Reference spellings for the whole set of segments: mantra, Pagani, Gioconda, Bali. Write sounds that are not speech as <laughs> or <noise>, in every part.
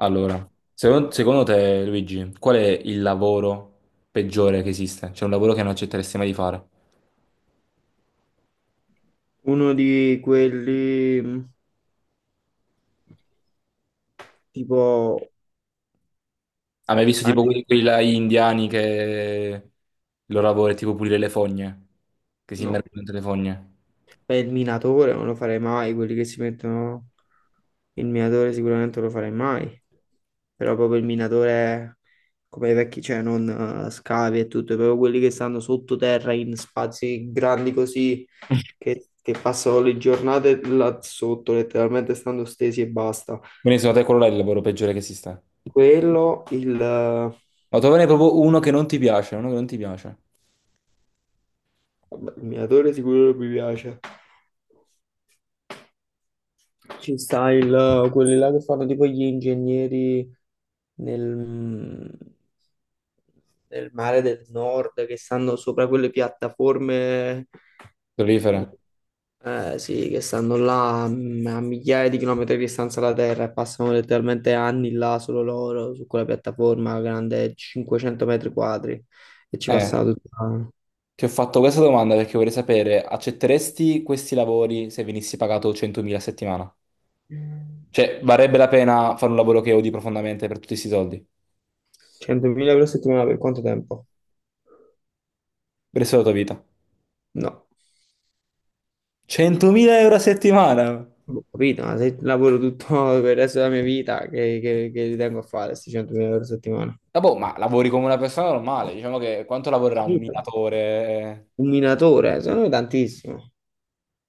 Allora, secondo te, Luigi, qual è il lavoro peggiore che esiste? C'è un lavoro che non accetteresti mai di fare? Uno di quelli tipo... Hai mai visto ah, tipo quelli là indiani che il loro lavoro è tipo pulire le fogne, che si no, immergono dentro le fogne? è il minatore, non lo farei mai. Quelli che si mettono il minatore sicuramente non lo farei mai. Però proprio il minatore come i vecchi, cioè non scavi e tutto, proprio quelli che stanno sottoterra in spazi grandi così, <laughs> che passano le giornate là sotto, letteralmente stando stesi e basta. Quindi secondo te quello là è il lavoro peggiore che esiste? Quello, il, eh, Ma trovane proprio uno che non ti piace, uno che non ti piace. Vabbè, il minatore sicuro non mi piace. Ci sta quelli là che fanno tipo gli ingegneri nel, nel mare del nord, che stanno sopra quelle piattaforme, Prolifera. eh sì, che stanno là a migliaia di chilometri di distanza dalla Terra e passano letteralmente anni là solo loro, su quella piattaforma grande 500 metri quadri e ci Eh, passano tutta ti ho fatto questa domanda perché vorrei sapere, accetteresti questi lavori se venissi pagato 100.000 a settimana? Cioè, varrebbe la pena fare un lavoro che odi profondamente per tutti questi soldi, per 100.000 € a settimana per quanto tempo? il resto della tua vita. No. 100.000 euro a settimana! Boh, capito, ma se lavoro tutto per il resto della mia vita, che ci tengo a fare questi 100.000 € a settimana? Ah, boh, ma lavori come una persona normale, diciamo che quanto lavorerà un Capito? minatore? Un minatore, secondo me tantissimo.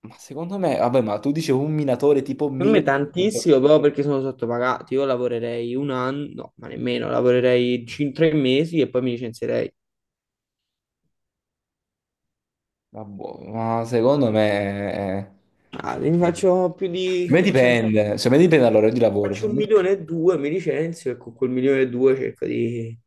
Ma secondo me, vabbè, ma tu dici un minatore tipo Secondo me 1000... tantissimo, però perché sono sottopagati. Io lavorerei un anno, no, ma nemmeno, lavorerei tre mesi e poi mi licenzierei. Ma boh, ma Ah, ne faccio più di... cioè, secondo me dipende dall'orario di lavoro, cioè, faccio un secondo me milione e due, mi licenzio e con quel milione e due cerco di,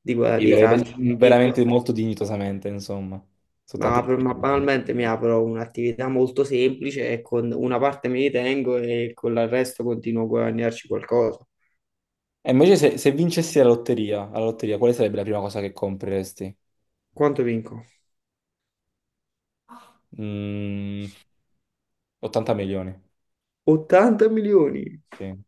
di vivere trarci un profitto. veramente molto dignitosamente, insomma, soltanto... Ma banalmente mi apro un'attività molto semplice e con una parte me li tengo e con il resto continuo a guadagnarci qualcosa. E invece se vincessi la lotteria, quale sarebbe la prima cosa che compreresti? Quanto vinco? Mm, 80 milioni, 80 milioni! sì,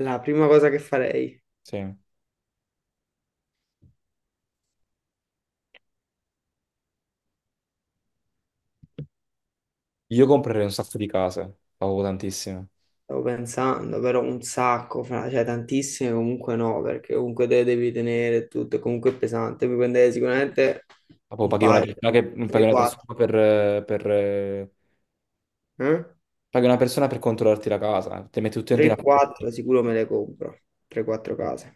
La prima cosa che farei, sì. Io comprerei un sacco di case, ma proprio tantissime. stavo pensando, però un sacco, cioè tantissime comunque no, perché comunque te le devi tenere tutto, comunque è pesante, mi prenderei sicuramente Ma poi un paghi una paio, persona, paghi una 3-4, persona eh? paghi una persona per controllarti la casa, ti metti tutti in una... 3-4 sicuro me le compro, 3-4 case,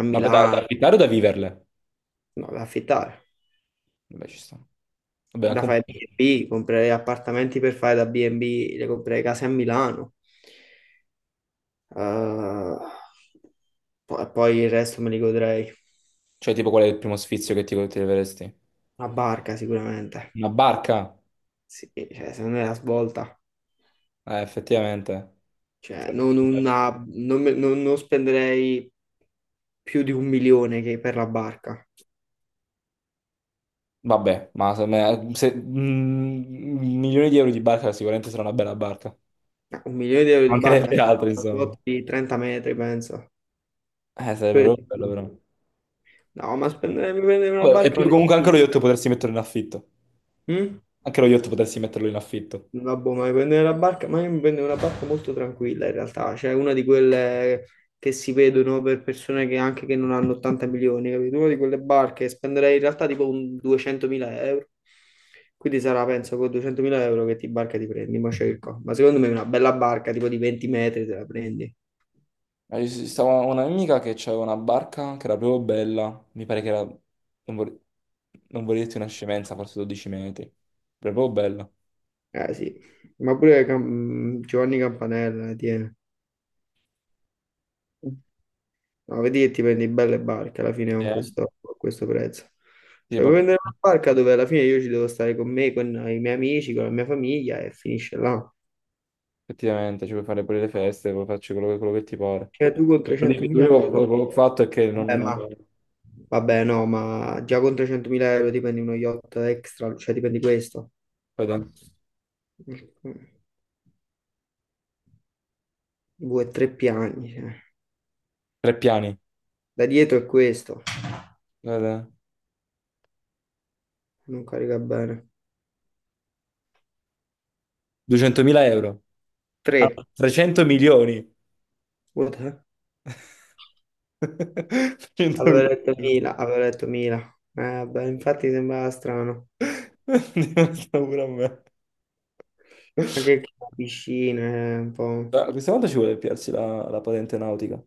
a Ma per da Milano, affittare o da viverle? no, da affittare. Vabbè, ci sta. Vabbè, Da anche un fare po'. B&B, comprerei appartamenti per fare da B&B, le comprerei case a Milano. Eh, e poi il resto me li godrei. Cioè, tipo, qual è il primo sfizio che ti leveresti? Una barca sicuramente. Una barca? Sì, cioè, se non è la svolta. Effettivamente. Cioè, Sarebbe non, bello. non spenderei più di un milione che per la barca. Vabbè, ma se, me- se- mm, milioni di euro di barca sicuramente sarà una bella barca. Ma un milione di euro di barca Mancherebbe sta altro, a una insomma. flotta di 30 metri, penso. Sarebbe Pure proprio di bello, più. però. No, ma spendere, mi prendere una Vabbè, barca è comunque anche lo un'esquisita. yacht potresti metterlo in affitto. Mm? Anche lo yacht potresti metterlo in affitto. Vabbè, ma mi prendere la barca, ma io mi prendo una barca molto tranquilla in realtà, cioè una di quelle che si vedono per persone che anche che non hanno 80 milioni, capito? Una di quelle barche spenderei in realtà tipo un 200.000 euro, quindi sarà penso con 200.000 € che ti barca ti prendi, ma cerco, ma secondo me una bella barca tipo di 20 metri te la prendi, Ci stava una mia amica che aveva una barca che era proprio bella. Mi pare che era... Non vorrei dirti una scemenza, forse 12 metri. Proprio bella. eh sì, ma pure Giovanni Campanella, tieni. No, vedi che ti prendi belle barche alla fine Eh, con questo prezzo. sì, Cioè, puoi papà. prendere una barca dove alla fine io ci devo stare con me, con i miei amici, con la mia famiglia e finisce là. Effettivamente, ci puoi fare pure le feste, puoi farci quello che ti pare. Cioè, tu con L'unico che 300.000 euro, ho fatto è che vabbè, non... ma, vabbè, no, ma già con 300.000 € ti prendi uno yacht extra, cioè ti prendi questo. guarda, Due, tre piani, cioè. tre piani. Da dietro è questo, Guarda, non carica bene. 200.000 euro. Ah, Tre, 300 milioni. what the- avevo 100.000 letto euro. Mila, avevo letto Mila. Vabbè, infatti sembrava strano. <laughs> Diventa pure a me. Anche che la piscina è un po'... Ma questa volta ci vuole piarsi la patente nautica.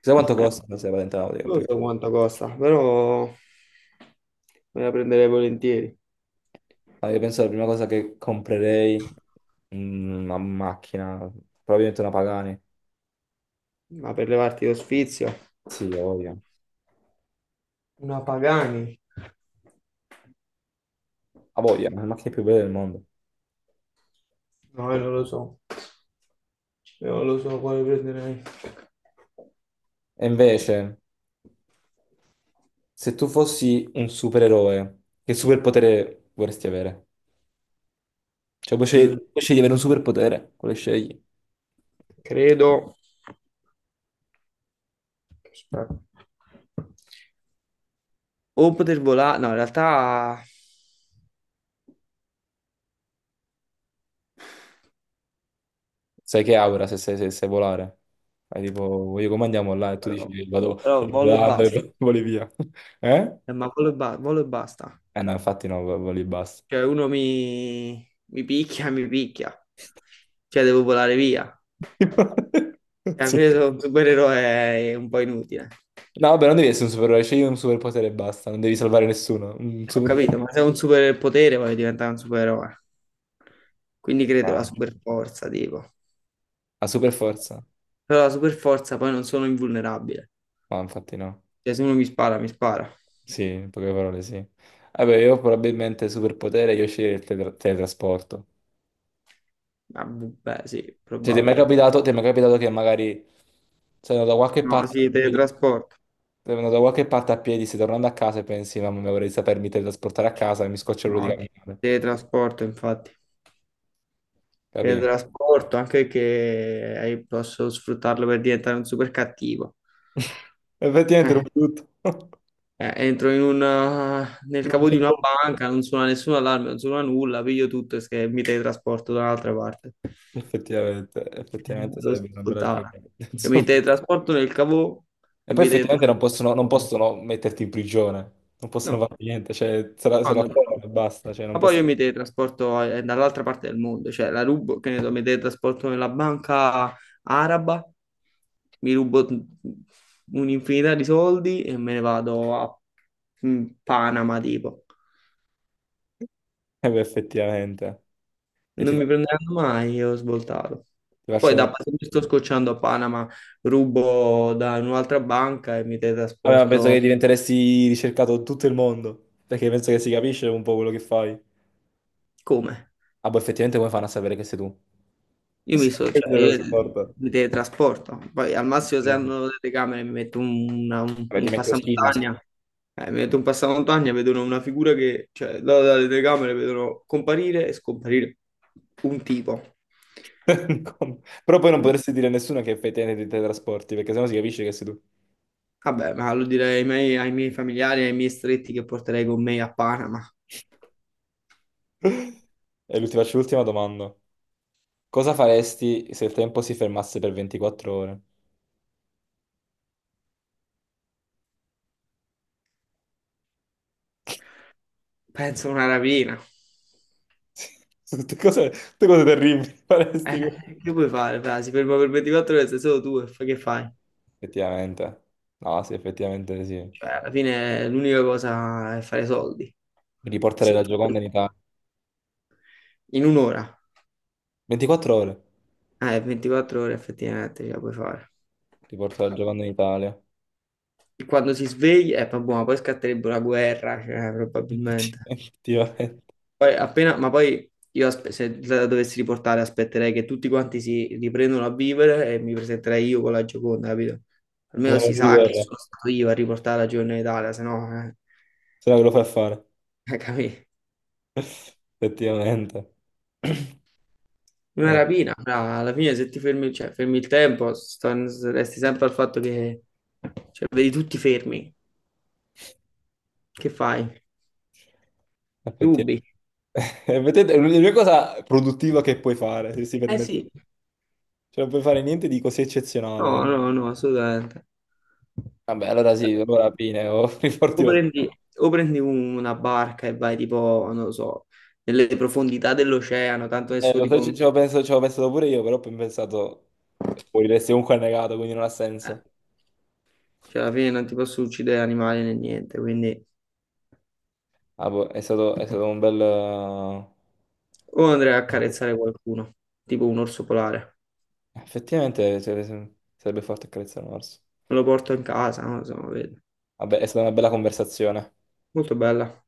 Sai quanto eh, costa la patente nautica? non Più? so quanto costa, però me la prenderei volentieri. Ah, io penso la prima cosa che comprerei una macchina, probabilmente una Pagani. Ma per levarti lo sfizio, Sì, ho voglia. una Pagani? Ha voglia, è la macchina più bella del mondo. No, io non lo so. Io non lo so quale prenderei. E invece, se tu fossi un supereroe, che superpotere vorresti avere? Cioè, Mm, puoi scegliere di avere un superpotere, quale scegli? Credo... Aspetta. O poter volare... No, in realtà... Sai che aura se sai volare? Hai tipo, io come andiamo là? E tu Però, dici, vado però vado volo e volando basta. e <laughs> voli via. Eh? Ma quello e basta. Eh no, infatti no, voli e basta. Cioè, uno mi picchia, mi picchia. Cioè, devo volare via. Cioè, <laughs> alla Sì. fine sono un supereroe è un po' inutile. No, vabbè, non devi essere un supereroe, scegli un superpotere e basta, non devi salvare nessuno. Un Ho superpotere. capito, ma se ho un superpotere voglio diventare un supereroe. Quindi credo la superforza, tipo. A super forza? Però la superforza poi non sono invulnerabile. Ma infatti no. Cioè, se uno mi spara, mi spara. Sì, in poche parole sì. Vabbè, io probabilmente superpotere, io sceglierei il teletrasporto. Ah, beh, sì, Cioè, ti è mai probabile. capitato, ti è mai capitato che magari sei andato da qualche No, sì, parte. teletrasporto. Sei andato da qualche parte a piedi, stai tornando a casa e pensi, mamma mia, vorrei sapermi teletrasportare a casa e mi scoccio l'ora di No, camminare. teletrasporto, infatti. E Capì? trasporto, anche che posso sfruttarlo per diventare un super cattivo. <laughs> Effettivamente Eh, ero brutto. <laughs> Entro nel Era un cavo di una po'. banca, non suona nessun allarme, non suona nulla, piglio tutto e mi teletrasporto da un'altra parte. Effettivamente Lo sarebbe una bella ascoltava. giornata. <laughs> Cioè, mi Insomma. teletrasporto nel cavo E e poi mi effettivamente non possono, non teletrasporto. possono metterti in prigione, non possono No. fare niente, cioè se lo Quando accolgono e provo. basta, cioè non Ma poi possono... io mi <laughs> teletrasporto dall'altra parte del mondo, cioè la rubo, che ne so, mi teletrasporto nella banca araba, mi rubo un'infinità di soldi e me ne vado a Panama, tipo. Eh beh, effettivamente. E ti Non mi faccio, prenderanno mai e ho svoltato. ti Poi faccio un... da se mi sto scocciando a Panama, rubo da un'altra banca e mi Vabbè, ma penso teletrasporto che diventeresti ricercato in tutto il mondo, perché penso che si capisce un po' quello che fai. come? Ah, boh, effettivamente come fanno a sapere che sei tu? Io Sì, mi so, <laughs> cioè, dello io sport. mi teletrasporto. Poi al massimo se Eh, hanno le telecamere mi metto un, una- un- vabbè, ti un metti lo ski mask. passamontagna. Mi metto un passamontagna, vedono una figura che, cioè, dalle telecamere vedono comparire e scomparire un tipo. <laughs> Come? Però poi non potresti dire a nessuno che effettivamente ti teletrasporti, perché sennò si capisce che sei tu. Vabbè, ma lo direi ai miei familiari, ai miei stretti che porterei con me a Panama. <laughs> Ti faccio l'ultima domanda. Cosa faresti se il tempo si fermasse per 24 ore? Penso a una rapina. <laughs> Tutte cose terribili <laughs> Eh, faresti. Con- che puoi fare? Fra? Si ferma per 24 ore, sei solo tu e che fai? Effettivamente. No, sì, effettivamente sì. Cioè, alla fine l'unica cosa è fare soldi. Riportare Se la tu- Gioconda in Italia. In un'ora? 24 ore. 24 ore effettivamente ce la puoi fare. Riportare la Gioconda in Italia. E quando si sveglia, vabbè, ma poi scatterebbe una guerra, cioè, <laughs> probabilmente. Effettivamente. Poi appena, ma poi io se la dovessi riportare aspetterei che tutti quanti si riprendano a vivere e mi presenterei io con la Gioconda, capito? Almeno Manuale si di sa che guerra, sono stato io a riportare la Gioconda in Italia, se no, se no ve lo fa fare. <laughs> Capì? <laughs> Effettivamente. <clears throat> Una Eh, rapina, bra, alla fine se ti fermi, cioè, fermi il tempo, resti sempre al fatto che, cioè, vedi tutti fermi, che fai? effettivamente. Rubi. <laughs> E vedete, è l'unica cosa produttiva che puoi fare, se si Eh permette. sì, Cioè, non puoi fare niente di così no, eccezionale. no, no, assolutamente. Vabbè, allora sì, allora fine, ho <laughs> O riporti la prendi, o prendi una barca e vai tipo, non lo so, nelle profondità dell'oceano, tanto adesso lo so, ci tipo, ci avevo pensato, ci avevo pensato pure io, però poi ho pensato, moriresti comunque annegato, quindi non ha eh, senso. cioè alla fine non ti posso uccidere animali né niente, quindi Ah, boh, è stato un bel... o andrei a accarezzare qualcuno, tipo un orso polare, Effettivamente cioè, sarebbe forte accarezzare un orso. me lo porto in casa, non lo so, vedo. Vabbè, è stata una bella conversazione. Molto bella.